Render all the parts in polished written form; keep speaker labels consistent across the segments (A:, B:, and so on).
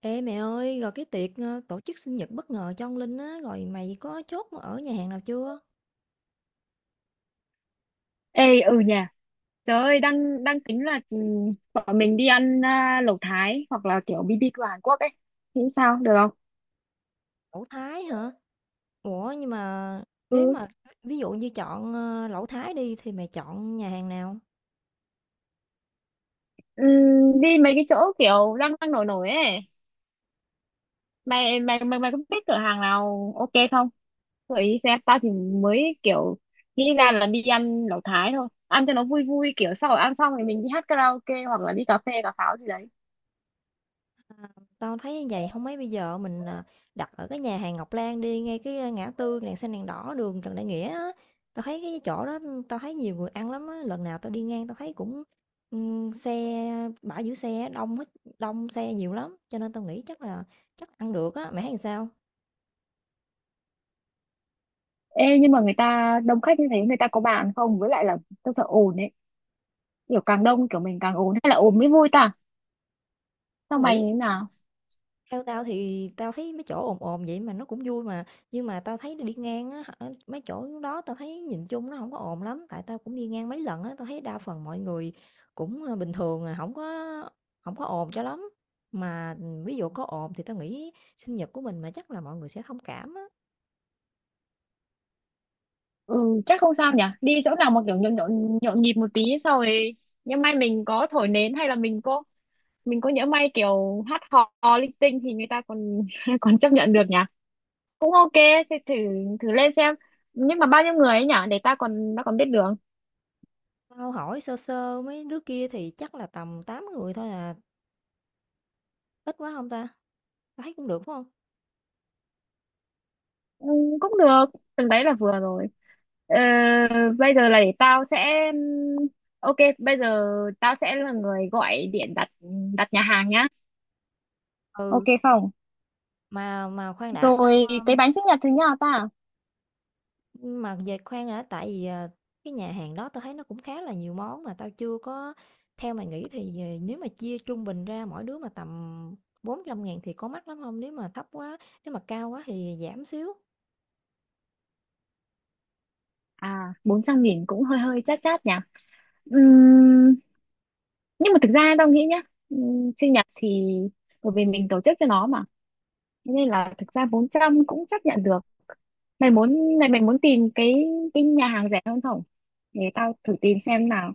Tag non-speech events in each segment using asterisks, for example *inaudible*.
A: Ê mẹ ơi, rồi cái tiệc tổ chức sinh nhật bất ngờ cho ông Linh á, rồi mày có chốt ở nhà hàng nào chưa?
B: Ê, ừ nhỉ. Trời ơi, đang đang tính là bọn mình đi ăn, à, lẩu Thái hoặc là kiểu BBQ Hàn Quốc ấy, thì sao được không?
A: Lẩu Thái hả? Ủa nhưng mà nếu
B: Ừ.
A: mà ví dụ như chọn lẩu Thái đi thì mày chọn nhà hàng nào?
B: Đi mấy cái chỗ kiểu đang đang nổi nổi ấy. Mày mày mày mày có biết cửa hàng nào ok không? Gợi ý xem. Tao thì mới kiểu nghĩ ra là đi ăn lẩu Thái thôi, ăn cho nó vui vui, kiểu sau rồi ăn xong thì mình đi hát karaoke hoặc là đi cà phê cà pháo gì đấy.
A: Tao thấy như vậy không mấy, bây giờ mình đặt ở cái nhà hàng Ngọc Lan đi, ngay cái ngã tư đèn xanh đèn đỏ đường Trần Đại Nghĩa á. Tao thấy cái chỗ đó, tao thấy nhiều người ăn lắm á, lần nào tao đi ngang tao thấy cũng ừ, xe, bãi giữ xe đông hết, đông xe nhiều lắm, cho nên tao nghĩ chắc là chắc ăn được á, mày thấy làm sao?
B: Ê, nhưng mà người ta đông khách như thế người ta có bàn không, với lại là tao sợ ồn ấy, kiểu càng đông kiểu mình càng ồn, hay là ồn mới vui ta? Sau
A: Tao
B: mày
A: nghĩ,
B: thế nào?
A: theo tao thì tao thấy mấy chỗ ồn ồn vậy mà nó cũng vui mà, nhưng mà tao thấy đi ngang á hả, mấy chỗ đó tao thấy nhìn chung nó không có ồn lắm, tại tao cũng đi ngang mấy lần á, tao thấy đa phần mọi người cũng, bình thường à, không có ồn cho lắm. Mà, ví dụ có ồn thì tao nghĩ sinh nhật của mình mà chắc là mọi người sẽ thông cảm á.
B: Ừ, chắc không sao nhỉ? Đi chỗ nào mà kiểu nhộn nhộn, nhộn nhịp một tí, sau rồi nhỡ may mình có thổi nến hay là mình có, mình có nhỡ may kiểu hát hò, hò linh tinh thì người ta còn *laughs* còn chấp nhận được nhỉ? Cũng ok, thì thử thử lên xem. Nhưng mà bao nhiêu người ấy nhỉ? Để ta còn, ta còn biết đường.
A: Tao hỏi sơ sơ mấy đứa kia thì chắc là tầm 8 người thôi à, ít quá không ta? Tao thấy cũng được, phải hông?
B: Ừ, cũng được, từng đấy là vừa rồi. Ờ, bây giờ là để tao sẽ ok, bây giờ tao sẽ là người gọi điện đặt đặt nhà hàng nhá. Ok
A: Ừ.
B: không?
A: Mà khoan đã, tao,
B: Rồi cái bánh sinh nhật thì như nào ta?
A: mà về khoan đã, tại vì, cái nhà hàng đó tao thấy nó cũng khá là nhiều món mà tao chưa có, theo mày nghĩ thì, nếu mà chia trung bình ra mỗi đứa mà tầm 400.000 thì có mắc lắm không? Nếu mà thấp quá, nếu mà cao quá thì giảm xíu,
B: À, 400.000 cũng hơi hơi chát chát nhỉ. Ừm, nhưng mà thực ra tao nghĩ nhá, sinh nhật thì bởi vì mình tổ chức cho nó mà. Thế nên là thực ra 400 cũng chấp nhận được. Mày muốn, mày muốn tìm cái nhà hàng rẻ hơn không? Để tao thử tìm xem nào.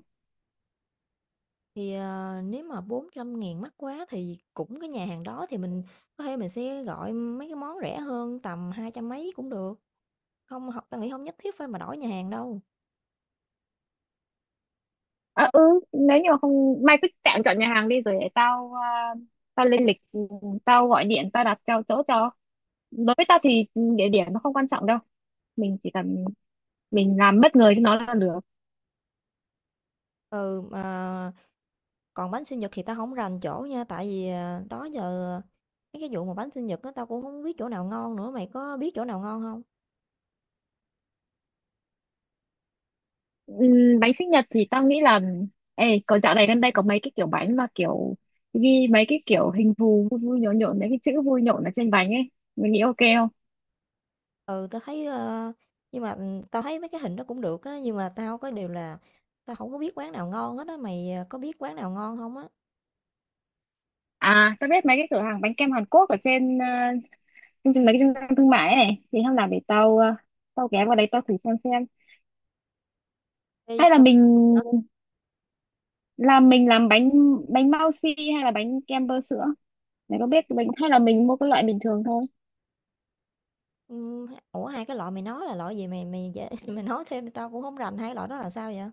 A: thì, nếu mà 400.000 mắc quá thì cũng cái nhà hàng đó thì mình có thể mình sẽ gọi mấy cái món rẻ hơn tầm 200 mấy cũng được, không h tao nghĩ không nhất thiết phải mà đổi nhà hàng đâu.
B: À, ừ, nếu như mà không mày cứ tạm chọn nhà hàng đi rồi để tao tao lên lịch, tao gọi điện, tao đặt cho chỗ cho. Đối với tao thì địa điểm nó không quan trọng đâu. Mình chỉ cần mình làm bất ngờ cho nó là được.
A: Ừ, mà còn bánh sinh nhật thì tao không rành chỗ nha, tại vì, à, đó giờ mấy cái vụ mà bánh sinh nhật á, tao cũng không biết chỗ nào ngon nữa, mày có biết chỗ nào ngon không?
B: Bánh sinh nhật thì tao nghĩ là, ê, có dạo này gần đây có mấy cái kiểu bánh mà kiểu ghi mấy cái kiểu hình thù vui vui nhộn nhộn, mấy cái chữ vui nhộn ở trên bánh ấy, mình nghĩ ok không?
A: Ừ, tao thấy, nhưng mà, tao thấy mấy cái hình đó cũng được á, nhưng mà tao có điều là tao không có biết quán nào ngon hết á, mày, à, có biết quán nào ngon không á?
B: À, tao biết mấy cái cửa hàng bánh kem Hàn Quốc ở trên trên trên mấy cái trung tâm thương mại ấy này, thì hôm nào để tao tao ghé vào đấy tao thử xem.
A: Ê,
B: Hay là
A: tao
B: mình
A: hả?
B: làm, mình làm bánh, bánh bao xi hay là bánh kem bơ sữa, mày có biết bánh, hay là mình mua cái loại bình thường thôi?
A: Ủa, hai cái loại mày nói là loại gì, mày mày dễ *laughs* mày nói thêm tao cũng không rành, hai cái loại đó là sao vậy?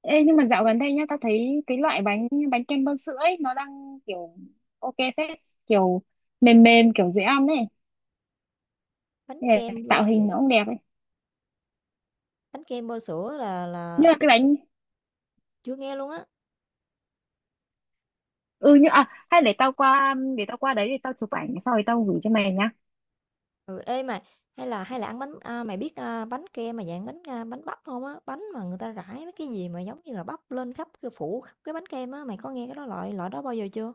B: Ê, nhưng mà dạo gần đây nhá, tao thấy cái loại bánh, bánh kem bơ sữa ấy nó đang kiểu ok phết, kiểu mềm mềm kiểu dễ ăn ấy.
A: Bánh
B: Thế
A: kem
B: là
A: bơ
B: tạo hình
A: sữa,
B: nó cũng đẹp ấy.
A: Bánh kem bơ sữa là
B: Như
A: là
B: là
A: ít,
B: cái bánh,
A: chưa nghe luôn á.
B: ừ, như, à, hay để tao qua, để tao qua đấy để tao chụp ảnh sau rồi tao gửi cho mày nhá.
A: Ừ, ê mà hay là ăn bánh à, mày biết à, bánh kem mà dạng bánh à, bánh bắp không á, bánh mà người ta rải mấy cái gì mà giống như là bắp lên khắp cái, phủ khắp cái bánh kem á, mày có nghe cái đó, loại loại đó bao giờ chưa?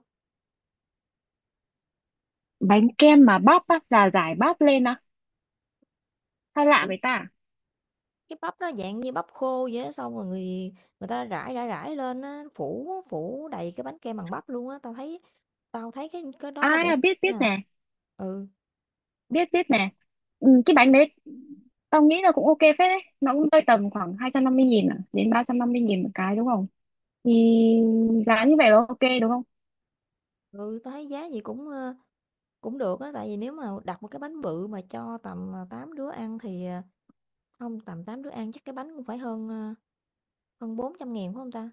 B: Bánh kem mà bắp á, là rải bắp lên á, sao lạ
A: Kiểu
B: vậy ta?
A: cái bắp nó dạng như bắp khô vậy á, xong rồi người người ta rải rải rải lên á, phủ phủ đầy cái bánh kem bằng bắp luôn á, tao thấy, tao thấy cái đó
B: À
A: có vẻ
B: à, biết
A: nè.
B: biết nè,
A: Ừ
B: biết biết nè. Ừ, cái bánh đấy tao nghĩ là cũng ok phết đấy, nó cũng rơi tầm khoảng 250.000 à, đến 350.000 một cái, đúng không? Thì giá như vậy là ok đúng không?
A: ừ, tao thấy giá gì cũng cũng được á, tại vì nếu mà đặt một cái bánh bự mà cho tầm 8 đứa ăn thì không, tầm 8 đứa ăn chắc cái bánh cũng phải hơn à, hơn 400.000 phải không ta?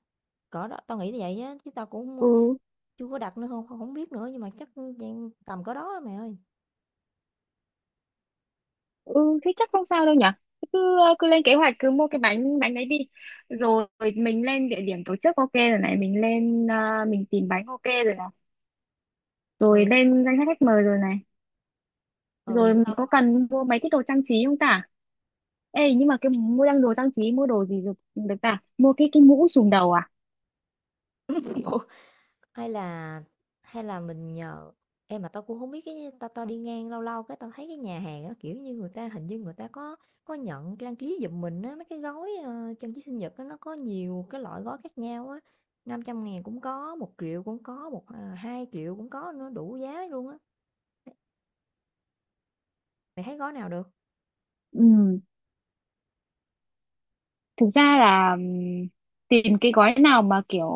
A: Cỡ đó, tao nghĩ là vậy á, chứ tao cũng
B: Ừ.
A: chưa có đặt nữa, không, không biết nữa, nhưng mà chắc, dạng tầm cỡ đó á mày ơi.
B: Ừ, thế chắc không sao đâu nhở, cứ lên kế hoạch, cứ mua cái bánh, bánh đấy đi, rồi mình lên địa điểm tổ chức ok rồi này, mình lên, mình tìm bánh ok rồi này, rồi
A: Ừ,
B: lên danh sách khách mời rồi này,
A: ừ,
B: rồi mình
A: xong.
B: có cần mua mấy cái đồ trang trí không ta? Ê nhưng mà cái mua, đang đồ trang trí, mua đồ gì được được ta, mua cái mũ trùm đầu à?
A: *laughs* Ủa, hay là hay là mình nhờ em, mà tao cũng không biết cái, tao tao đi ngang lâu lâu cái tao thấy cái nhà hàng nó kiểu như, người ta hình như người ta có nhận đăng ký giùm mình á, mấy cái gói, trang trí sinh nhật á, nó có nhiều cái loại gói khác nhau á, 500.000 cũng có, 1 triệu cũng có, một, à, 2.000 cũng có nữa, đủ giá luôn á. Mày thấy gói nào được?
B: Ừ, thực ra là tìm cái gói nào mà kiểu,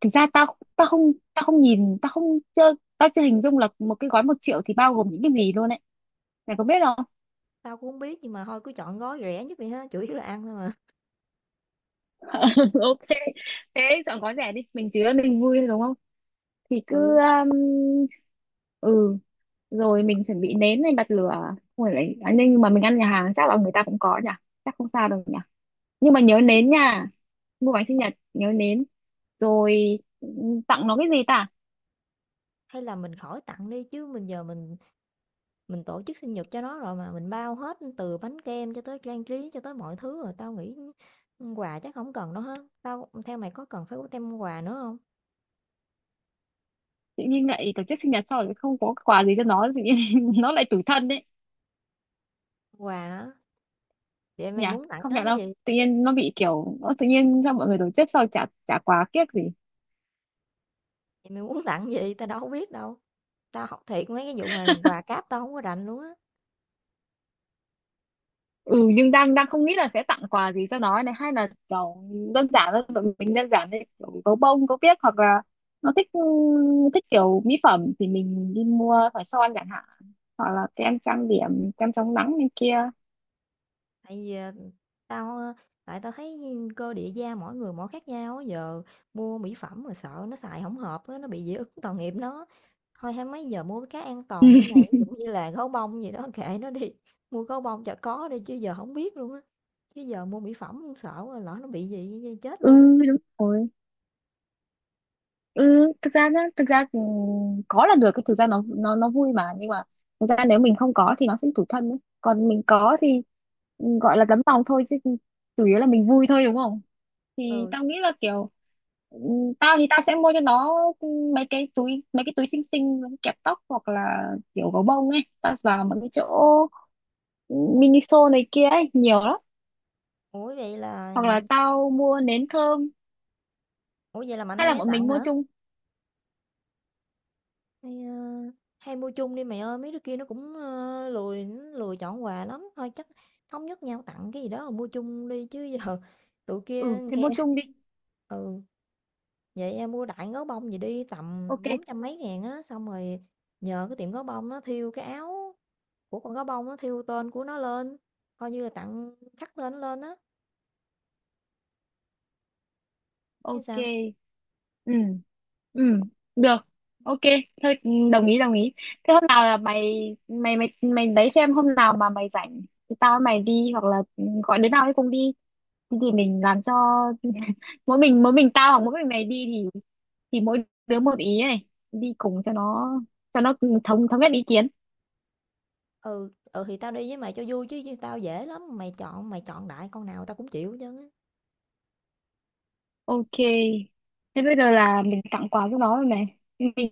B: thực ra tao tao không, tao không nhìn, tao không, chưa, tao chưa hình dung là một cái gói 1.000.000 thì bao gồm những cái gì luôn ấy, mày có biết không?
A: Tao cũng hông biết, nhưng mà thôi cứ chọn gói rẻ nhất đi ha, chủ yếu là ăn thôi mà.
B: *laughs* Ok, thế chọn gói rẻ đi, mình chứa mình vui thôi đúng không? Thì cứ,
A: Ừ,
B: ừ, rồi mình chuẩn bị nến này, bật lửa. Ôi, lại à, nhưng mà mình ăn nhà hàng chắc là người ta cũng có nhỉ, chắc không sao đâu nhỉ, nhưng mà nhớ nến nha, mua bánh sinh nhật nhớ nến. Rồi tặng nó cái gì ta?
A: hay là mình khỏi tặng đi, chứ mình giờ mình tổ chức sinh nhật cho nó rồi mà, mình bao hết từ bánh kem cho tới trang trí cho tới mọi thứ rồi, tao nghĩ, quà chắc không cần đâu ha. Tao, theo mày có cần phải có thêm quà nữa không?
B: Tự nhiên lại tổ chức sinh nhật sau rồi không có quà gì cho nó, tự nhiên *laughs* nó lại tủi thân đấy
A: Quà hả? Vậy mày
B: nhỉ,
A: muốn tặng
B: không
A: nó
B: nhận
A: cái
B: đâu,
A: gì?
B: tự nhiên nó bị kiểu, nó tự nhiên cho mọi người tổ chức sau chả, chả quà kiếc gì.
A: Vậy mày muốn *laughs* tặng gì? Tao đâu có biết đâu. Tao học thiệt, mấy cái vụ mà quà cáp tao không có rành luôn á,
B: Ừ, nhưng đang đang không nghĩ là sẽ tặng quà gì cho nó này, hay là kiểu đơn giản thôi, tụi mình đơn giản thôi kiểu gấu bông gấu biếc, hoặc là nó thích, thích kiểu mỹ phẩm thì mình đi mua khỏi son chẳng hạn, hoặc là kem trang điểm, kem chống nắng này kia.
A: tại vì, tao, tại tao thấy cơ địa da mỗi người mỗi khác nhau á, giờ mua mỹ phẩm mà sợ nó xài không hợp á, nó bị dị ứng tội nghiệp nó. Thôi hay mấy giờ mua cái an toàn đi
B: *laughs*
A: mày, ví dụ như là gấu bông gì đó *laughs* kệ nó đi, mua gấu bông cho có đi chứ giờ không biết luôn á. Chứ giờ mua mỹ phẩm cũng sợ lỡ nó bị gì chết
B: Ừ,
A: luôn á.
B: đúng rồi. Ừ, thực ra nhá, thực ra, có là được, cái thực ra nó, nó vui mà, nhưng mà thực ra nếu mình không có thì nó sẽ tủi thân ấy. Còn mình có thì, ừ, gọi là tấm lòng thôi chứ chủ yếu là mình vui thôi đúng không? Thì
A: Ừ,
B: tao nghĩ là kiểu, ừ, tao thì tao sẽ mua cho nó, ừ, mấy cái túi, mấy cái túi xinh xinh, kẹp tóc hoặc là kiểu gấu bông ấy, tao vào mấy cái chỗ, ừ, Miniso này kia ấy nhiều lắm,
A: ủa vậy là,
B: hoặc là tao mua nến thơm,
A: ủa vậy là mạnh
B: hay
A: ai
B: là
A: nấy
B: bọn
A: tặng
B: mình mua
A: hả?
B: chung?
A: Hay, a, hay mua chung đi mày ơi, mấy đứa kia nó cũng, lười, nó lười chọn quà lắm, thôi chắc thống nhất nhau tặng cái gì đó rồi mua chung đi chứ, *laughs* giờ tụi kia
B: Ừ, thế
A: nghe.
B: mua
A: *laughs*
B: chung đi.
A: Ừ, vậy, em mua đại gấu bông gì đi tầm
B: Ok.
A: 400 mấy ngàn á, xong rồi nhờ cái tiệm gấu bông nó thiêu cái áo của con gấu bông, nó thiêu tên của nó lên, coi như là tặng khắc tên nó lên á, thấy
B: Ok.
A: sao?
B: Ừ. Ừ. Được. Ok. Thôi, đồng ý đồng ý. Thế hôm nào là mày mày mày mày đấy, xem hôm nào mà mày rảnh thì tao với mày đi, hoặc là, gọi đứa nào ấy cùng đi, thì mình làm cho *laughs* mỗi mình tao hoặc mỗi mình mày đi thì mỗi đứa một ý này, đi cùng cho nó, cho nó thống thống nhất ý kiến.
A: Ừ, ừ, thì tao đi với mày cho vui chứ tao dễ lắm, mày chọn, mày chọn đại con nào tao cũng chịu chứ.
B: Ok, thế bây giờ là mình tặng quà cho nó rồi này, mình,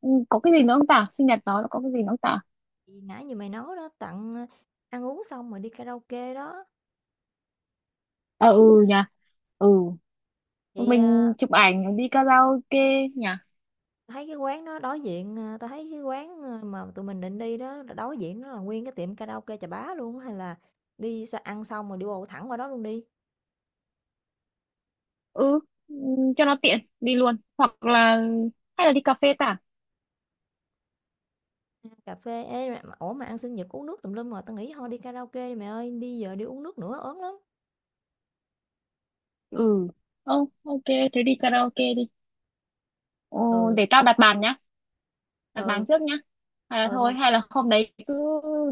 B: ừ, có cái gì nữa không ta, sinh nhật nó có cái gì nữa không ta?
A: Thì nãy như mày nói đó, tặng, ăn uống xong rồi đi karaoke đó,
B: Ờ ừ nhỉ. Ừ,
A: thì,
B: mình chụp ảnh đi karaoke nhỉ.
A: thấy cái quán đó đối diện, tao thấy cái quán, mà tụi mình định đi đó, đối diện nó là nguyên cái tiệm karaoke Chà Bá luôn á, hay là đi ăn xong rồi đi bộ thẳng qua đó luôn đi.
B: Ừ. Cho nó tiện đi luôn, hoặc là hay là đi cà phê ta?
A: Ờ, cà phê. Ê, mà ủa, mà ăn sinh nhật uống nước tùm lum rồi, tao nghĩ thôi đi karaoke đi mày ơi, đi giờ đi uống nước nữa ớn lắm.
B: Ừ. Ồ, ok, thế đi karaoke đi. Ồ,
A: Ừ,
B: để tao đặt bàn nhá, đặt
A: ừ.
B: bàn trước nhá, hay là
A: Ừ, mà
B: thôi, hay là hôm đấy cứ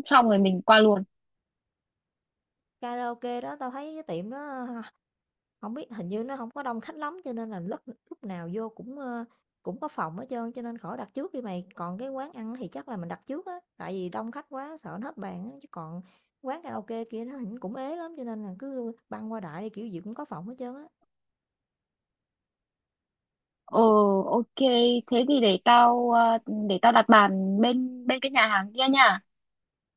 B: xong rồi mình qua luôn.
A: karaoke đó tao thấy cái tiệm đó không biết, hình như nó không có đông khách lắm, cho nên là lúc lúc nào vô cũng có phòng hết trơn, cho nên khỏi đặt trước đi mày. Còn cái quán ăn thì chắc là mình đặt trước á, tại vì đông khách quá sợ nó hết bàn á, chứ còn quán karaoke kia nó hình cũng ế lắm, cho nên là cứ băng qua đại đi, kiểu gì cũng có phòng hết trơn á.
B: Ừ. Ok, thế thì để tao, để tao đặt bàn bên, bên cái nhà hàng kia nha.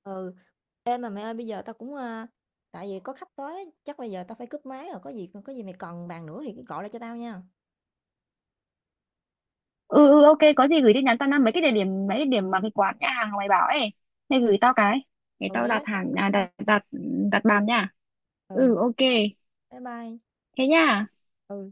A: Ừ. Ê, mà mẹ ơi, bây giờ tao cũng, tại vì có khách tới á, chắc bây giờ tao phải cúp máy rồi, có gì, có gì mày cần bàn nữa thì cứ gọi lại cho tao nha.
B: Ừ. Ừ, ok, có gì gửi tin nhắn tao năm mấy cái địa điểm, mấy cái điểm mà cái quán nhà hàng mày bảo ấy, mày gửi tao cái để
A: Ừ,
B: tao
A: để lát tao gửi cho.
B: đặt, đặt, đặt bàn nha.
A: Ừ.
B: Ừ. Ok,
A: Rồi. Bye bye.
B: thế nha.
A: Ừ.